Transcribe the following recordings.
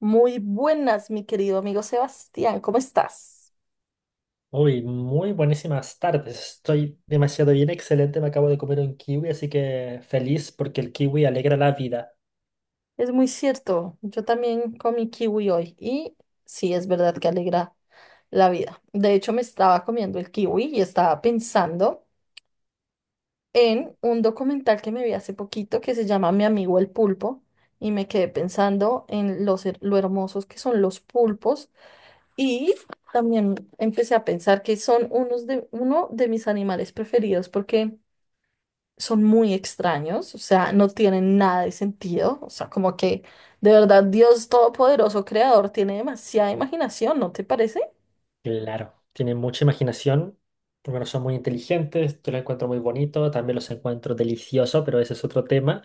Muy buenas, mi querido amigo Sebastián, ¿cómo estás? Uy, muy buenísimas tardes. Estoy demasiado bien, excelente. Me acabo de comer un kiwi, así que feliz porque el kiwi alegra la vida. Es muy cierto, yo también comí kiwi hoy y sí, es verdad que alegra la vida. De hecho, me estaba comiendo el kiwi y estaba pensando en un documental que me vi hace poquito que se llama Mi amigo el pulpo y me quedé pensando en lo hermosos que son los pulpos y también empecé a pensar que son uno de mis animales preferidos porque son muy extraños, o sea, no tienen nada de sentido, o sea, como que de verdad Dios Todopoderoso Creador tiene demasiada imaginación, ¿no te parece? Claro, tienen mucha imaginación. Por son muy inteligentes. Yo lo encuentro muy bonito. También los encuentro delicioso, pero ese es otro tema.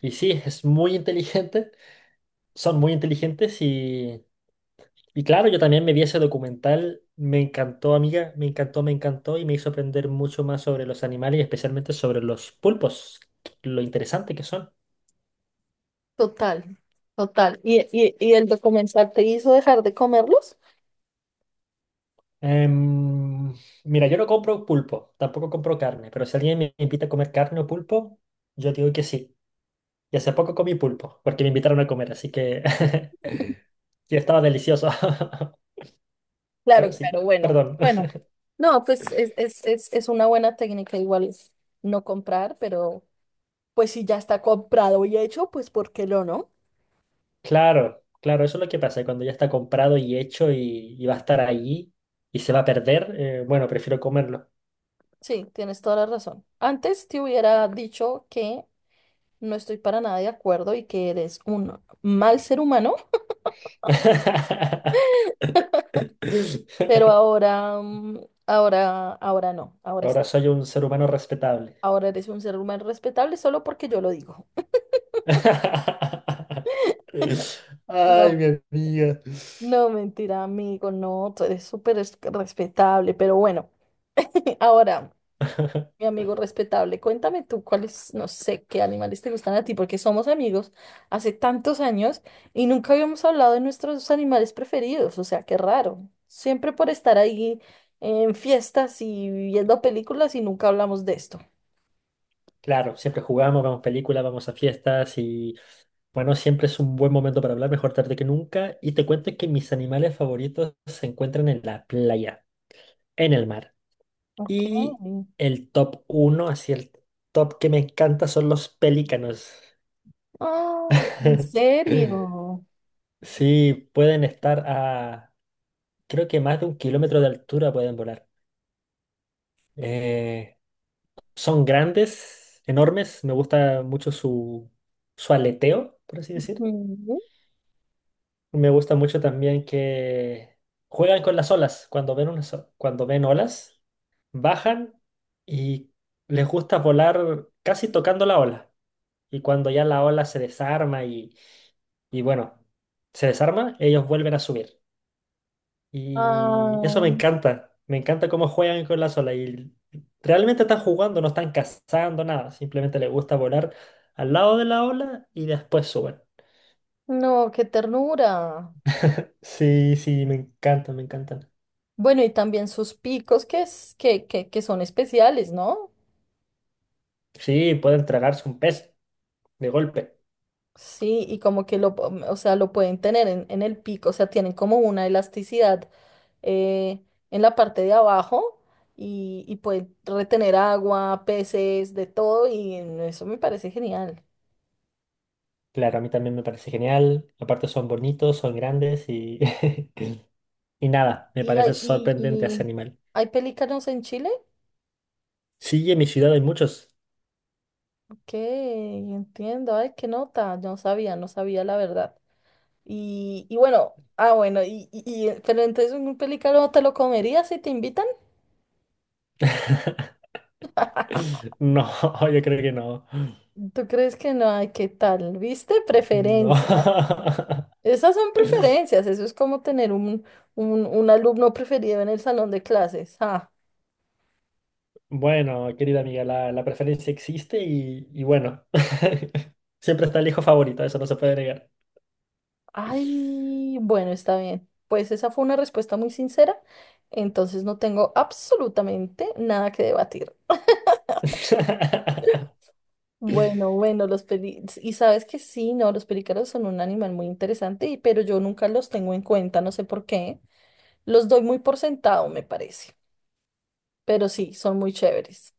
Y sí, es muy inteligente. Son muy inteligentes y claro, yo también me vi ese documental. Me encantó, amiga. Me encantó y me hizo aprender mucho más sobre los animales y especialmente sobre los pulpos. Lo interesante que son. Total, total. ¿Y el documental te hizo dejar de comerlos? Em, Mira, yo no compro pulpo, tampoco compro carne, pero si alguien me invita a comer carne o pulpo, yo digo que sí. Y hace poco comí pulpo, porque me invitaron a comer, así que y estaba delicioso. Claro, Pero sí, claro, bueno, perdón. bueno. No, pues es una buena técnica igual no comprar, pero pues si ya está comprado y hecho, pues ¿por qué lo no? Claro, claro, eso es lo que pasa, cuando ya está comprado y hecho y va a estar ahí y se va a perder, bueno, prefiero comerlo. Sí, tienes toda la razón. Antes te hubiera dicho que no estoy para nada de acuerdo y que eres un mal ser humano, pero ahora, mm, ahora, ahora no, ahora, es- Ahora soy un ser humano respetable. ahora eres un ser humano respetable solo porque yo lo digo. Ay, No, mi amiga. no, mentira, amigo, no, tú eres respetable, pero bueno, ahora. Mi amigo respetable, cuéntame tú cuáles, no sé, qué animales te gustan a ti, porque somos amigos hace tantos años y nunca habíamos hablado de nuestros animales preferidos, o sea, qué raro. Siempre por estar ahí en fiestas y viendo películas y nunca hablamos de esto. Claro, siempre jugamos, vamos películas, vamos a fiestas y bueno, siempre es un buen momento para hablar, mejor tarde que nunca. Y te cuento que mis animales favoritos se encuentran en la playa, en el mar. Ok. Y el top uno, así el top que me encanta son los pelícanos. Ah, ¿en serio? Sí, pueden estar a, creo que más de un kilómetro de altura pueden volar. Eh, Son grandes, enormes, me gusta mucho su aleteo, por así decir. Ujú. Me gusta mucho también que juegan con las olas. Cuando ven olas, bajan y les gusta volar casi tocando la ola. Y cuando ya la ola se desarma y bueno, se desarma, ellos vuelven a subir. Y eso Ay, me encanta. Me encanta cómo juegan con las olas. Y realmente están jugando, no están cazando nada. Simplemente les gusta volar al lado de la ola y después suben. no, qué ternura. Sí, sí, me encantan, me encantan. Bueno, y también sus picos que, son especiales, ¿no? Sí, pueden tragarse un pez de golpe. Sí, y como que lo, po- o sea, lo pueden tener en el pico, o sea, tienen como una elasticidad eh, en la parte de abajo y pueden retener agua, peces, de todo, y eso me parece genial. Claro, a mí también me parece genial. Aparte son bonitos, son grandes y, y nada, me Y parece hay, y, sorprendente ese y animal. hay pelícanos en Chile, Sí, en mi ciudad hay muchos. que entiendo, ay, qué nota, no sabía, no sabía la verdad. Y, y bueno, ah, bueno, y, y, pero entonces un pelícano te lo comerías si te invitan. No, yo creo que no. ¿Tú crees que no hay qué tal? ¿Viste? No. Preferencias. Esas son preferencias. Eso es como tener un alumno preferido en el salón de clases. Ah, Bueno, querida amiga, la preferencia existe y, bueno, siempre está el hijo favorito, eso no se puede negar. ay, bueno, está bien. Pues esa fue una respuesta muy sincera. Entonces no tengo absolutamente nada que debatir. Bueno, bueno, los peli... Y sabes que sí, no, los pelícaros son un animal muy interesante, pero yo nunca los tengo en cuenta, no sé por qué. Los doy muy por sentado, me parece. Pero sí, son muy chéveres.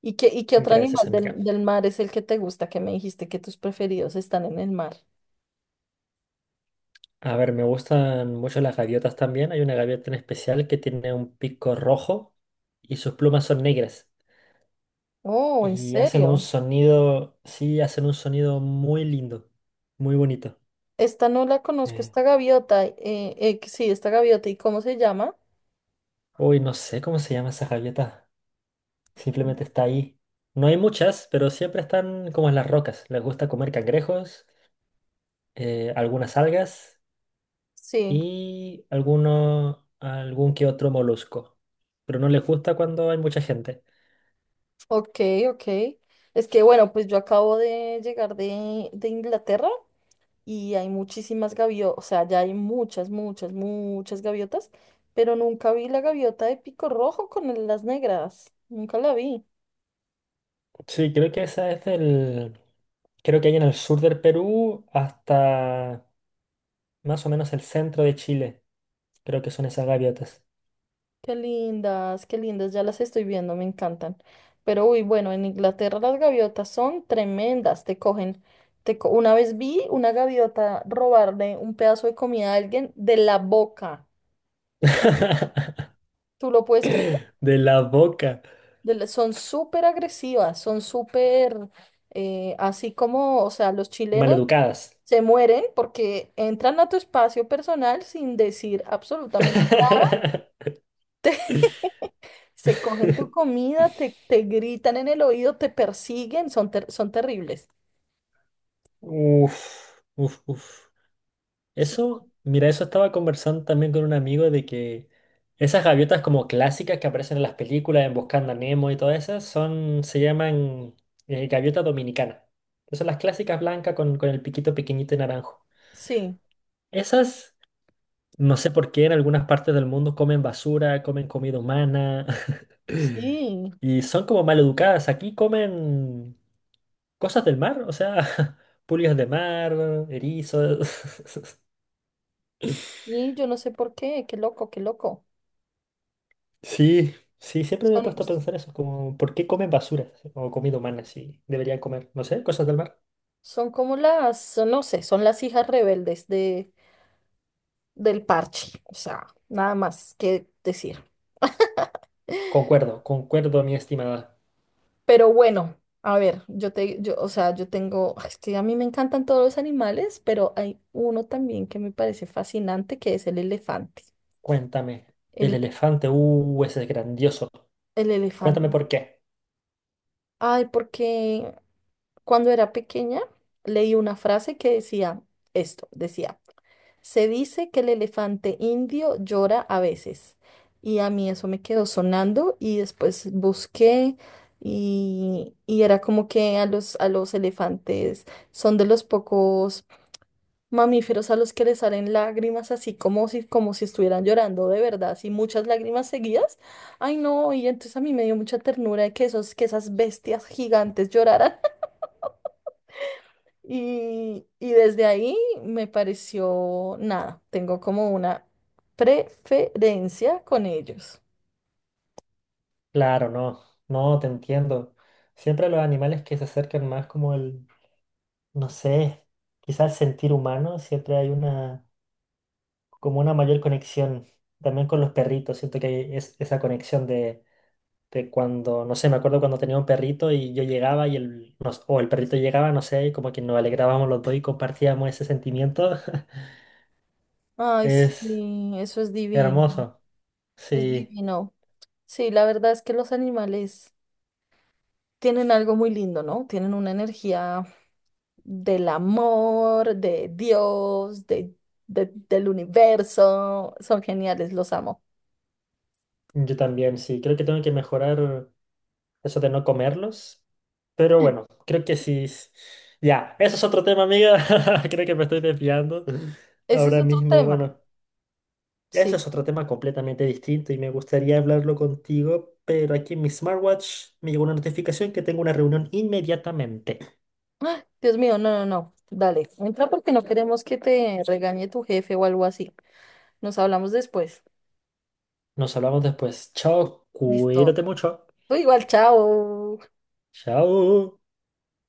¿Y qué otro Gracias, animal amiga. del mar es el que te gusta, que me dijiste que tus preferidos están en el mar? A ver, me gustan mucho las gaviotas también. Hay una gaviota en especial que tiene un pico rojo y sus plumas son negras. Oh, ¿en Y hacen un serio? sonido, sí, hacen un sonido muy lindo, muy bonito. Esta no la conozco, Eh, esta gaviota. Que sí, esta gaviota. ¿Y cómo se llama? Uy, no sé cómo se llama esa gaviota. Simplemente está ahí. No hay muchas, pero siempre están como en las rocas. Les gusta comer cangrejos, algunas algas Sí, y algún que otro molusco. Pero no les gusta cuando hay mucha gente. ok, ok. Es que bueno, pues yo acabo de llegar de Inglaterra y hay muchísimas gaviotas, o sea, ya hay muchas, muchas, muchas gaviotas, pero nunca vi la gaviota de pico rojo las negras. Nunca la vi. Sí, creo que esa es del... Creo que hay en el sur del Perú hasta más o menos el centro de Chile. Creo que son esas gaviotas. Qué lindas, ya las estoy viendo, me encantan. Pero uy, bueno, en Inglaterra las gaviotas son tremendas, te cogen. Una vez vi una gaviota robarle un pedazo de comida a alguien de la boca. ¿Tú lo puedes creer? De la boca. Son súper agresivas, son súper, así como, o sea, los chilenos Maleducadas. se mueren porque entran a tu espacio personal sin decir absolutamente. Se cogen tu comida, te gritan en el oído, te persiguen, son terribles. Uf, uf, uf. Sí, Eso, mira, eso estaba conversando también con un amigo de que esas gaviotas como clásicas que aparecen en las películas, en Buscando a Nemo y todas esas, son, se llaman gaviota dominicana. Que son las clásicas blancas con el piquito pequeñito y naranjo. sí, Esas, no sé por qué en algunas partes del mundo comen basura, comen comida humana sí. y son como mal educadas. Aquí comen cosas del mar, o sea, pulgas de mar, erizos. Y yo no sé por qué, qué loco, qué loco. Sí, sí, siempre me he Son, puesto a pensar eso, como ¿por qué comen basura o comida humana si deberían comer, no sé, cosas del mar? son como las, son- No sé, son las hijas rebeldes del parche. O sea, nada más que decir. Concuerdo, concuerdo, mi estimada. Pero bueno, a ver, yo te, yo, o sea, yo tengo, es que a mí me encantan todos los animales, pero hay uno también que me parece fascinante, que es el elefante. Cuéntame, el El, elefante, ese es grandioso. el elefante. Cuéntame por qué. Ay, porque cuando era pequeña leí una frase que decía esto, decía, se dice que el elefante indio llora a veces. Y a mí eso me quedó sonando y después busqué y era como que a los elefantes son de los pocos mamíferos a los que les salen lágrimas así como si estuvieran llorando de verdad, así muchas lágrimas seguidas. Ay, no, y entonces a mí me dio mucha ternura de que esos, que esas bestias gigantes lloraran. Y desde ahí me pareció nada, tengo como una preferencia con ellos. Claro, no, no, te entiendo. Siempre los animales que se acercan más como el, no sé, quizás sentir humano, siempre hay una, como una mayor conexión. También con los perritos, siento que hay esa conexión de cuando, no sé, me acuerdo cuando tenía un perrito y yo llegaba y el, nos- o el perrito llegaba, no sé, y como que nos alegrábamos los dos y compartíamos ese sentimiento. Ay, Es sí, eso es divino, hermoso. es Sí, divino. Sí, la verdad es que los animales tienen algo muy lindo, ¿no? Tienen una energía del amor, de Dios, de, del universo. Son geniales, los amo. yo también, sí, creo que tengo que mejorar eso de no comerlos. Pero bueno, creo que sí. Ya, eso es otro tema, amiga. Creo que me estoy desviando Ese es ahora otro mismo. tema, Bueno, eso sí. es otro tema completamente distinto y me gustaría hablarlo contigo, pero aquí en mi smartwatch me llegó una notificación que tengo una reunión inmediatamente. Ah, Dios mío, no, no, no. Dale, entra porque no queremos que te regañe tu jefe o algo así. Nos hablamos después. Nos hablamos después. Chao, Listo. cuídate mucho. Tú igual, chao. Chao.